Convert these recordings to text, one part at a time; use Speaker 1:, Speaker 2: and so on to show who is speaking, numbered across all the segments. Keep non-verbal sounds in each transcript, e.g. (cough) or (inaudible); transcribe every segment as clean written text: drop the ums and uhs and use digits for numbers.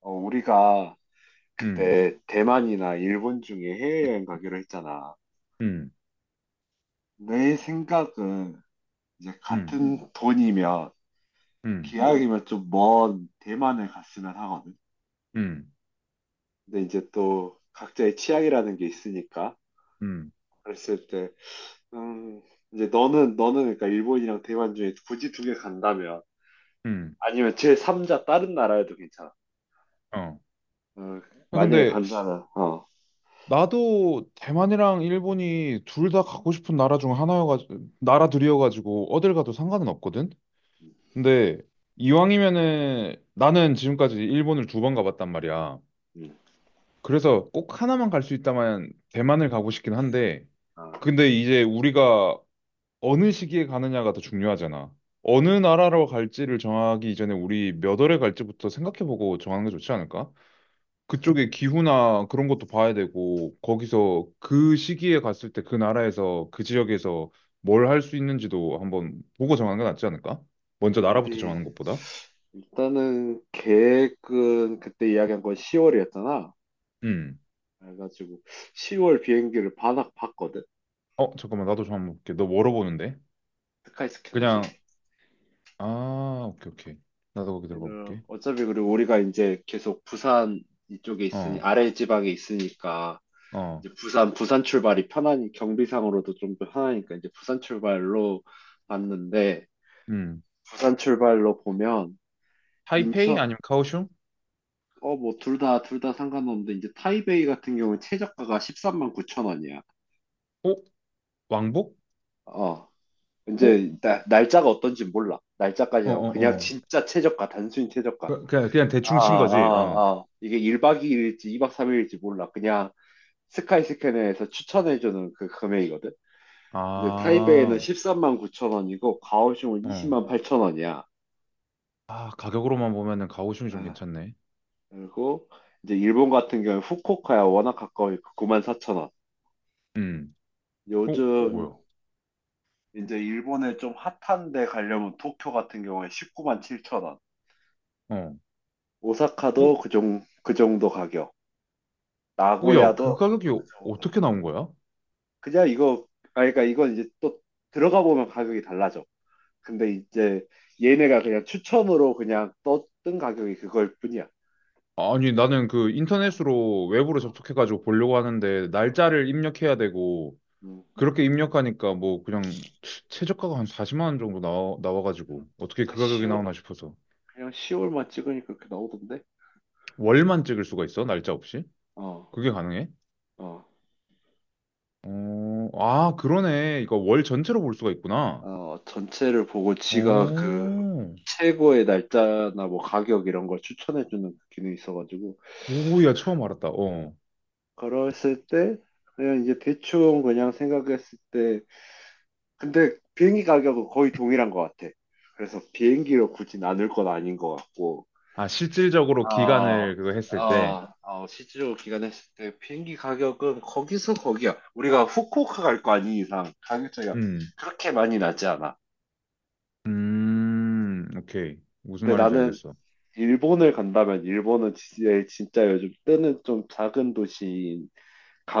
Speaker 1: 우리가
Speaker 2: 음,
Speaker 1: 그때 대만이나 일본 중에 해외여행 가기로 했잖아.
Speaker 2: 음,
Speaker 1: 내 생각은 이제
Speaker 2: 음,
Speaker 1: 같은 돈이면
Speaker 2: 음,
Speaker 1: 기왕이면 좀 먼 대만을 갔으면 하거든.
Speaker 2: 음,
Speaker 1: 근데 이제 또 각자의 취향이라는 게 있으니까
Speaker 2: 음,
Speaker 1: 그랬을 때, 음, 이제 너는 그러니까 일본이랑 대만 중에 굳이 2개 간다면
Speaker 2: 음,
Speaker 1: 아니면 제 3자 다른 나라에도 괜찮아.
Speaker 2: 어.
Speaker 1: 어,
Speaker 2: 아,
Speaker 1: 만약에
Speaker 2: 근데
Speaker 1: 간다면
Speaker 2: 나도 대만이랑 일본이 둘 다 가고 싶은 나라 중 하나여가지고 나라들이어가지고 어딜 가도 상관은 없거든.
Speaker 1: 음,
Speaker 2: 근데 이왕이면은 나는 지금까지 일본을 두 번 가봤단 말이야.
Speaker 1: 음.
Speaker 2: 그래서 꼭 하나만 갈 수 있다면 대만을 가고 싶긴 한데
Speaker 1: 아,
Speaker 2: 근데 이제 우리가 어느 시기에 가느냐가 더 중요하잖아. 어느 나라로 갈지를 정하기 이전에 우리 몇 월에 갈지부터 생각해보고 정하는 게 좋지 않을까? 그쪽의 기후나 그런 것도 봐야 되고, 거기서 그 시기에 갔을 때 그 나라에서, 그 지역에서 뭘 할 수 있는지도 한번 보고 정하는 게 낫지 않을까? 먼저 나라부터
Speaker 1: 우리
Speaker 2: 정하는 것보다.
Speaker 1: 일단은 계획은 그때 이야기한 건 10월이었잖아.
Speaker 2: 음.
Speaker 1: 그래가지고 10월 비행기를 반납 봤거든.
Speaker 2: 어, 잠깐만, 나도 좀 한번 볼게. 너 뭐로 보는데?
Speaker 1: 스카이 스캐너지.
Speaker 2: 그냥, 아, 오케이, 오케이. 나도 거기 들어가
Speaker 1: 이거
Speaker 2: 볼게.
Speaker 1: 어차피 그리고 우리가 이제 계속 부산 이쪽에 있으니
Speaker 2: 어,
Speaker 1: 아래 지방에 있으니까
Speaker 2: 어,
Speaker 1: 이제 부산 출발이 편하니 경비상으로도 좀 편하니까 이제 부산 출발로 봤는데
Speaker 2: 음.
Speaker 1: 부산 출발로 보면
Speaker 2: 타이페이
Speaker 1: 인천
Speaker 2: 아니면 카오슝?
Speaker 1: 뭐 둘 다 상관없는데 이제 타이베이 같은 경우는 최저가가 1 3 9 0 0 0 원이야.
Speaker 2: 어? 왕복?
Speaker 1: 어,
Speaker 2: 어?
Speaker 1: 이제 날짜가 어떤지 몰라. 날짜까지
Speaker 2: 어,
Speaker 1: 하고
Speaker 2: 어,
Speaker 1: 그냥
Speaker 2: 어.
Speaker 1: 진짜 최저가 단순히 최저가.
Speaker 2: 그냥 대충 친 거지, 어.
Speaker 1: 이게 1박 2일일지 2박 3일일지 몰라. 그냥 스카이스캐너에서 추천해주는 그 금액이거든. 이제 타이베이는
Speaker 2: 아,
Speaker 1: 13만 9천 원이고 가오슝은
Speaker 2: 어.
Speaker 1: 20만 8천 원이야.
Speaker 2: 아, 가격으로만 보면은 가오슝이 좀
Speaker 1: 아,
Speaker 2: 괜찮네.
Speaker 1: 그리고 이제 일본 같은 경우에 후쿠오카야 워낙 가까우니까 9만 4천 원.
Speaker 2: 음. 어,
Speaker 1: 요즘
Speaker 2: 뭐야?
Speaker 1: 이제 일본에 좀 핫한데 가려면 도쿄 같은 경우에 19만 7천 원.
Speaker 2: 어.
Speaker 1: 오사카도
Speaker 2: 어,
Speaker 1: 그 정도 가격.
Speaker 2: 뭐야? 그
Speaker 1: 나고야도
Speaker 2: 가격이
Speaker 1: 그
Speaker 2: 어-
Speaker 1: 정도.
Speaker 2: 어떻게 나온 거야?
Speaker 1: 그냥 이거, 그러니까 이건 이제 또 들어가 보면 가격이 달라져. 근데 이제 얘네가 그냥 추첨으로 그냥 떴던 가격이 그걸 뿐이야.
Speaker 2: 아니, 나는 그 인터넷으로 웹으로
Speaker 1: 아,
Speaker 2: 접속해가지고 보려고 하는데, 날짜를 입력해야 되고,
Speaker 1: 음.
Speaker 2: 그렇게 입력하니까 뭐 그냥 최저가가 한 40만 원 정도 나와가지고,
Speaker 1: 그냥
Speaker 2: 어떻게 그
Speaker 1: 그냥
Speaker 2: 가격이
Speaker 1: 시월,
Speaker 2: 나오나 싶어서.
Speaker 1: 그냥 시월만 찍으니까 그렇게 나오던데?
Speaker 2: 월만 찍을 수가 있어? 날짜 없이?
Speaker 1: 어,
Speaker 2: 그게 가능해?
Speaker 1: 어,
Speaker 2: 어, 아, 그러네. 이거 월 전체로 볼 수가 있구나.
Speaker 1: 전체를 보고 지가 그
Speaker 2: 오,
Speaker 1: 최고의 날짜나 뭐 가격 이런 걸 추천해주는 기능이 있어가지고,
Speaker 2: 오야, 처음 알았다. 어.
Speaker 1: 그랬을 때, 그냥 이제 대충 그냥 생각했을 때, 근데 비행기 가격은 거의 동일한 것 같아. 그래서 비행기로 굳이 나눌 건 아닌 것 같고.
Speaker 2: 아, 실질적으로
Speaker 1: 아,
Speaker 2: 기간을 그거 했을 때.
Speaker 1: 실제로 기간했을 때 비행기 가격은 거기서 거기야. 우리가 후쿠오카 갈 거 아닌 이상 가격 차이가
Speaker 2: 음,
Speaker 1: 그렇게 많이 나지 않아.
Speaker 2: 오케이. 무슨
Speaker 1: 근데
Speaker 2: 말인지
Speaker 1: 나는
Speaker 2: 알겠어.
Speaker 1: 일본을 간다면 일본은 진짜, 진짜 요즘 뜨는 좀 작은 도시인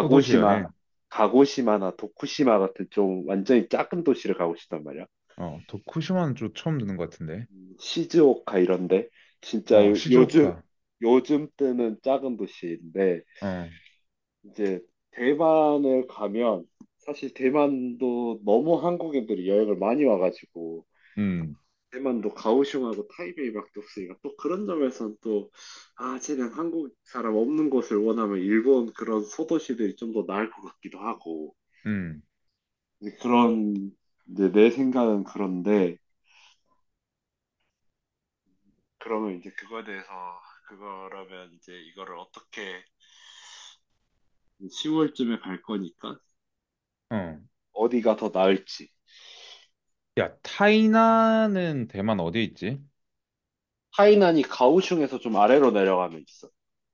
Speaker 2: 소도시 여행.
Speaker 1: 가고시마나 도쿠시마 같은 좀 완전히 작은 도시를 가고 싶단 말이야.
Speaker 2: 어, 도쿠시마는 좀 처음 듣는 것 같은데.
Speaker 1: 시즈오카 이런데 진짜
Speaker 2: 어,
Speaker 1: 요- 요즘
Speaker 2: 시즈오카.
Speaker 1: 요즘 때는 작은 도시인데
Speaker 2: 어,
Speaker 1: 이제 대만을 가면 사실 대만도 너무 한국인들이 여행을 많이 와가지고
Speaker 2: 음,
Speaker 1: 대만도 가오슝하고 타이베이밖에 없으니까 또 그런 점에선 또 쟤는 한국 사람 없는 곳을 원하면 일본 그런 소도시들이 좀 더 나을 것 같기도 하고
Speaker 2: 음,
Speaker 1: 이제 그런 이제 내 생각은 그런데 그러면 이제 그거에 대해서 그거라면 이제 이거를 어떻게 10월쯤에 갈 거니까.
Speaker 2: 어.
Speaker 1: 어디가 더 나을지.
Speaker 2: 야, 타이난은 대만 어디에 있지?
Speaker 1: 하이난이 가오슝에서 좀 아래로 내려가면 있어.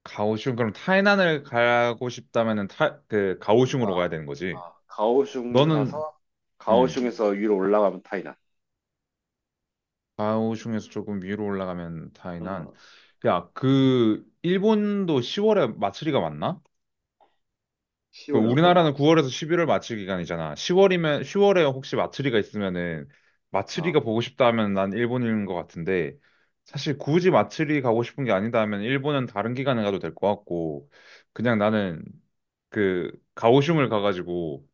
Speaker 2: 가오슝. 그럼 타이난을 가고 싶다면은 타, 그, 가오슝으로
Speaker 1: 아,
Speaker 2: 가야 되는 거지.
Speaker 1: 가오슝
Speaker 2: 너는,
Speaker 1: 가서
Speaker 2: 음.
Speaker 1: 가오슝에서 위로 올라가면 타이난.
Speaker 2: 좌우 중에서 조금 위로 올라가면 다이난.
Speaker 1: 어,
Speaker 2: 야, 그 일본도 10월에 마츠리가 맞나? 그
Speaker 1: 10월에 어떤가?
Speaker 2: 우리나라는 9월에서 11월 마츠리 기간이잖아. 10월이면 10월에 혹시 마츠리가 있으면은 마츠리가
Speaker 1: 어.
Speaker 2: 보고 싶다 하면 난 일본인 것 같은데 사실 굳이 마츠리 가고 싶은 게 아니다 하면 일본은 다른 기간에 가도 될 것 같고 그냥 나는 그 가오슝을 가가지고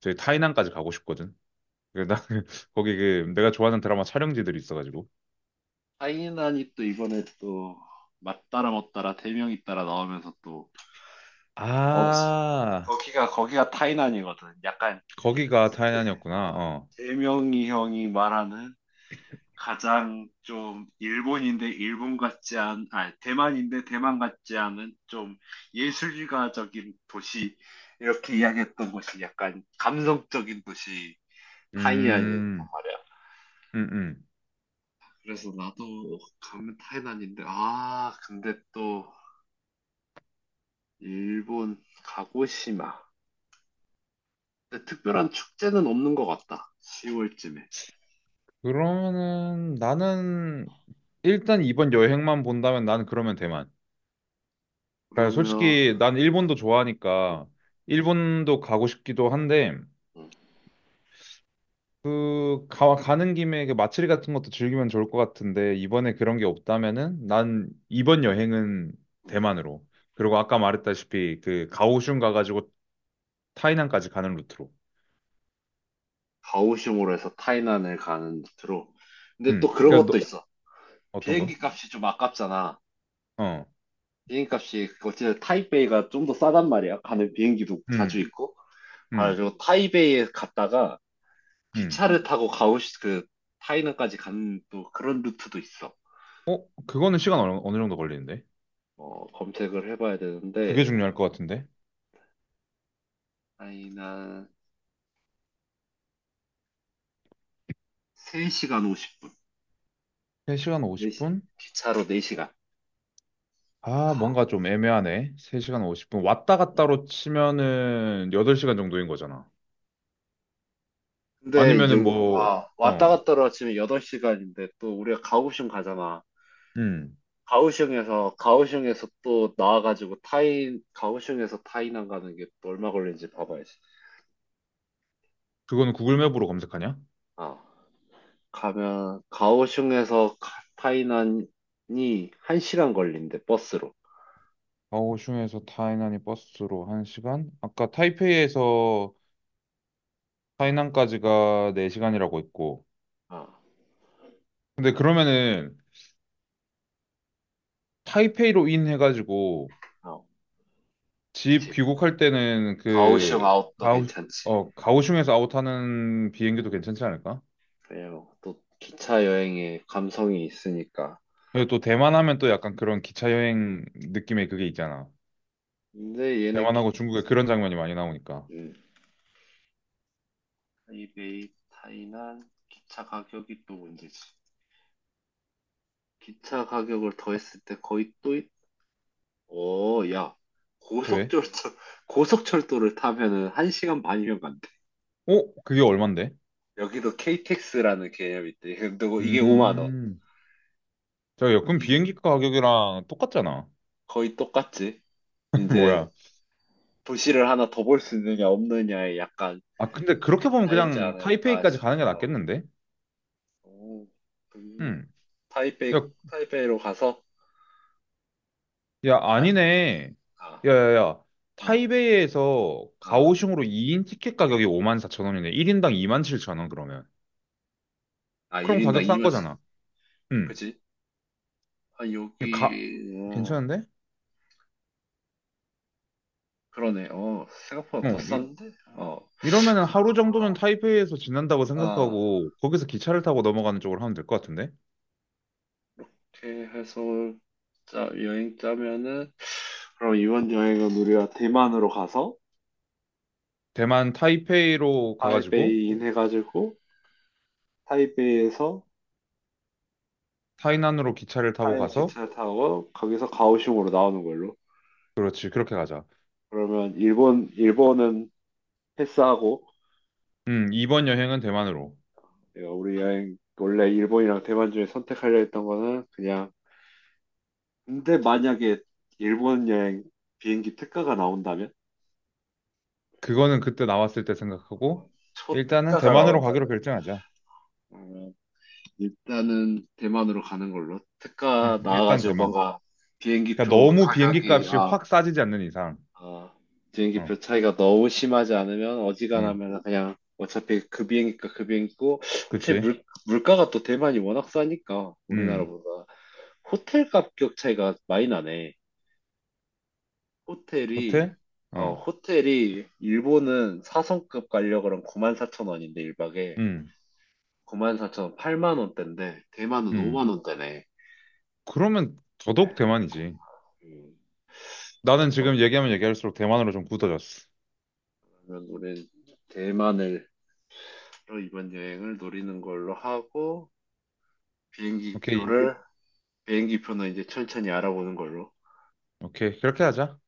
Speaker 2: 저희 타이난까지 가고 싶거든. 그 나 (laughs) 거기 그 내가 좋아하는 드라마 촬영지들이 있어가지고.
Speaker 1: 타이난이 또 이번에 또 맞따라 못따라 대명이 따라 나오면서 또 어,
Speaker 2: 아,
Speaker 1: 거기가 타이난이거든. 약간
Speaker 2: 거기가
Speaker 1: 대-
Speaker 2: 타이난이었구나.
Speaker 1: 어,
Speaker 2: 어.
Speaker 1: 대명이 형이 말하는 가장 좀 일본인데 일본 같지 않, 아, 대만인데 대만 같지 않은 좀 예술가적인 도시, 이렇게 이야기했던 곳이 약간 감성적인 도시, 타이난이란
Speaker 2: 음,
Speaker 1: 말이야.
Speaker 2: 음, 음.
Speaker 1: 그래서 나도 가면 타이난인데, 근데 또 일본 가고시마. 근데 특별한 축제는 없는 것 같다. 10월쯤에.
Speaker 2: 그러면은 나는 일단 이번 여행만 본다면 나는 그러면 대만. 그러니까
Speaker 1: 그러면,
Speaker 2: 솔직히 난 일본도
Speaker 1: 음,
Speaker 2: 좋아하니까 일본도 가고 싶기도 한데
Speaker 1: 음.
Speaker 2: 그 가는 김에 그 마츠리 같은 것도 즐기면 좋을 것 같은데 이번에 그런 게 없다면은 난 이번 여행은 대만으로. 그리고 아까 말했다시피 그 가오슝 가가지고 타이난까지 가는 루트로.
Speaker 1: 가오슝으로 해서 타이난을 가는 루트로. 근데
Speaker 2: 음.
Speaker 1: 또 그런
Speaker 2: 그러니까
Speaker 1: 것도
Speaker 2: 너
Speaker 1: 있어.
Speaker 2: 어떤
Speaker 1: 비행기
Speaker 2: 거?
Speaker 1: 값이 좀 아깝잖아.
Speaker 2: 어.
Speaker 1: 비행기 값이 어쨌든 타이베이가 좀 더 싸단 말이야. 가는 비행기도 자주
Speaker 2: 음.
Speaker 1: 있고.
Speaker 2: 음.
Speaker 1: 그리고 타이베이에 갔다가
Speaker 2: 음.
Speaker 1: 기차를 타고 가오 그 타이난까지 가는 또 그런 루트도 있어.
Speaker 2: 어, 그거는 시간 어느 정도 걸리는데?
Speaker 1: 검색을 해봐야
Speaker 2: 그게
Speaker 1: 되는데
Speaker 2: 중요할 것 같은데?
Speaker 1: 타이난 3시간 50분.
Speaker 2: 3시간
Speaker 1: 네 시
Speaker 2: 50분?
Speaker 1: 기차로 4시간
Speaker 2: 아,
Speaker 1: 가.
Speaker 2: 뭔가 좀 애매하네. 3시간 50분. 왔다
Speaker 1: 네.
Speaker 2: 갔다로 치면은 8시간 정도인 거잖아.
Speaker 1: 근데 이제
Speaker 2: 아니면은 뭐,
Speaker 1: 왔다
Speaker 2: 어,
Speaker 1: 갔다 하러 아침에 8시간인데 또 우리가 가오슝 가잖아.
Speaker 2: 음.
Speaker 1: 가오슝에서 또 나와가지고 타이 가오슝에서 타이난 가는 게 또 얼마 걸리는지 봐봐야지.
Speaker 2: 그거는 구글 맵으로 검색하냐?
Speaker 1: 아 가면 가오슝에서 타이난이 1시간 걸린대 버스로.
Speaker 2: 가오슝에서 타이난이 버스로 1시간? 아까 타이페이에서
Speaker 1: 아,
Speaker 2: 타이난까지가 4시간이라고 했고.
Speaker 1: 아,
Speaker 2: 근데 그러면은 타이페이로 인 해가지고
Speaker 1: 아,
Speaker 2: 집
Speaker 1: 그치.
Speaker 2: 귀국할 때는
Speaker 1: 가오슝
Speaker 2: 그
Speaker 1: 아웃도
Speaker 2: 가오
Speaker 1: 괜찮지.
Speaker 2: 가오슝에서 아웃하는 비행기도
Speaker 1: 음,
Speaker 2: 괜찮지 않을까?
Speaker 1: 그래요. 또 기차 여행에 감성이 있으니까.
Speaker 2: 그리고 또 대만 하면 또 약간 그런 기차 여행 느낌의 그게 있잖아.
Speaker 1: 근데 얘네 기,
Speaker 2: 대만하고 중국에 그런 장면이 많이 나오니까.
Speaker 1: 음. 타이베이 타이난 기차 가격이 또 문제지. 기차 가격을 더했을 때 거의 또 야,
Speaker 2: 왜?
Speaker 1: 고속철도, (laughs) 고속철도를 타면은 1시간 반이면 간대.
Speaker 2: 어? 그게 얼만데?
Speaker 1: 여기도 KTX라는 개념이 있대. 근데 뭐 이게 5만 원.
Speaker 2: 음. 자, 여권
Speaker 1: 이게
Speaker 2: 비행기 가격이랑 똑같잖아.
Speaker 1: 거의 똑같지.
Speaker 2: (laughs)
Speaker 1: 이제
Speaker 2: 뭐야?
Speaker 1: 도시를 하나 더 볼 수 있느냐 없느냐에 약간
Speaker 2: 아, 근데 그렇게 보면
Speaker 1: 차이지
Speaker 2: 그냥
Speaker 1: 않을까
Speaker 2: 타이페이까지 가는
Speaker 1: 싶기도
Speaker 2: 게
Speaker 1: 하고.
Speaker 2: 낫겠는데?
Speaker 1: 오, 그,
Speaker 2: 음. 야,
Speaker 1: 타이베이, 타이베이로 가서
Speaker 2: 야,
Speaker 1: 한,
Speaker 2: 아니네.
Speaker 1: 아,
Speaker 2: 야, 야, 야.
Speaker 1: 아,
Speaker 2: 타이베이에서
Speaker 1: 아,
Speaker 2: 가오슝으로 2인 티켓 가격이 5만 사천 원이네. 1인당 2만 칠천 원, 그러면.
Speaker 1: 아,
Speaker 2: 그럼
Speaker 1: 1인당
Speaker 2: 가격 싼
Speaker 1: 2만,
Speaker 2: 거잖아. 응.
Speaker 1: 그지? 아,
Speaker 2: 가,
Speaker 1: 여기, 어,
Speaker 2: 괜찮은데?
Speaker 1: 그러네. 생각보다
Speaker 2: 어,
Speaker 1: 더
Speaker 2: 이,
Speaker 1: 싼데? 어,
Speaker 2: 이러면은 하루 정도는
Speaker 1: 아,
Speaker 2: 타이베이에서 지난다고
Speaker 1: 아.
Speaker 2: 생각하고, 거기서 기차를 타고 넘어가는 쪽으로 하면 될 것 같은데?
Speaker 1: 이렇게 해서 여행 짜면은 그럼 이번 여행은 우리가 대만으로 가서
Speaker 2: 대만 타이페이로 가가지고,
Speaker 1: 타이베이인 해가지고 타이베이에서
Speaker 2: 타이난으로 기차를 타고
Speaker 1: 타이의
Speaker 2: 가서,
Speaker 1: 기차를 타고 거기서 가오슝으로 나오는 걸로.
Speaker 2: 그렇지, 그렇게 가자.
Speaker 1: 그러면 일본은 패스하고
Speaker 2: 이번 여행은 대만으로.
Speaker 1: 내가 우리 여행 원래 일본이랑 대만 중에 선택하려 했던 거는 그냥 근데 만약에 일본 여행 비행기 특가가 나온다면
Speaker 2: 그거는 그때 나왔을 때 생각하고,
Speaker 1: 초
Speaker 2: 일단은
Speaker 1: 특가가
Speaker 2: 대만으로 가기로
Speaker 1: 나온다면
Speaker 2: 결정하자.
Speaker 1: 일단은 대만으로 가는 걸로. 특가
Speaker 2: 일단
Speaker 1: 나와가지고
Speaker 2: 대만.
Speaker 1: 뭔가
Speaker 2: 그러니까
Speaker 1: 비행기표
Speaker 2: 너무 비행기
Speaker 1: 가격이,
Speaker 2: 값이
Speaker 1: 아,
Speaker 2: 확 싸지지 않는 이상.
Speaker 1: 아,
Speaker 2: 어,
Speaker 1: 비행기표 차이가 너무 심하지 않으면
Speaker 2: 음,
Speaker 1: 어지간하면 그냥 어차피 그 비행기가 그 비행기고, 어차피
Speaker 2: 그치?
Speaker 1: 물가가 또 대만이 워낙 싸니까,
Speaker 2: 음,
Speaker 1: 우리나라보다. 호텔 가격 차이가 많이 나네. 호텔이,
Speaker 2: 호텔? 어,
Speaker 1: 호텔이, 일본은 사성급 가려 그러면 94,000원인데, 1박에.
Speaker 2: 음,
Speaker 1: 94,000원, 8만원대인데, 대만은
Speaker 2: 음.
Speaker 1: 5만원대네.
Speaker 2: 그러면 더더욱 대만이지. 나는 지금 얘기하면 얘기할수록 대만으로 좀 굳어졌어.
Speaker 1: 그러면 우리 대만을 이번 여행을 노리는 걸로 하고 비행기
Speaker 2: 오케이,
Speaker 1: 표를 비행기 표는 이제 천천히 알아보는 걸로.
Speaker 2: 오케이. 그렇게 하자.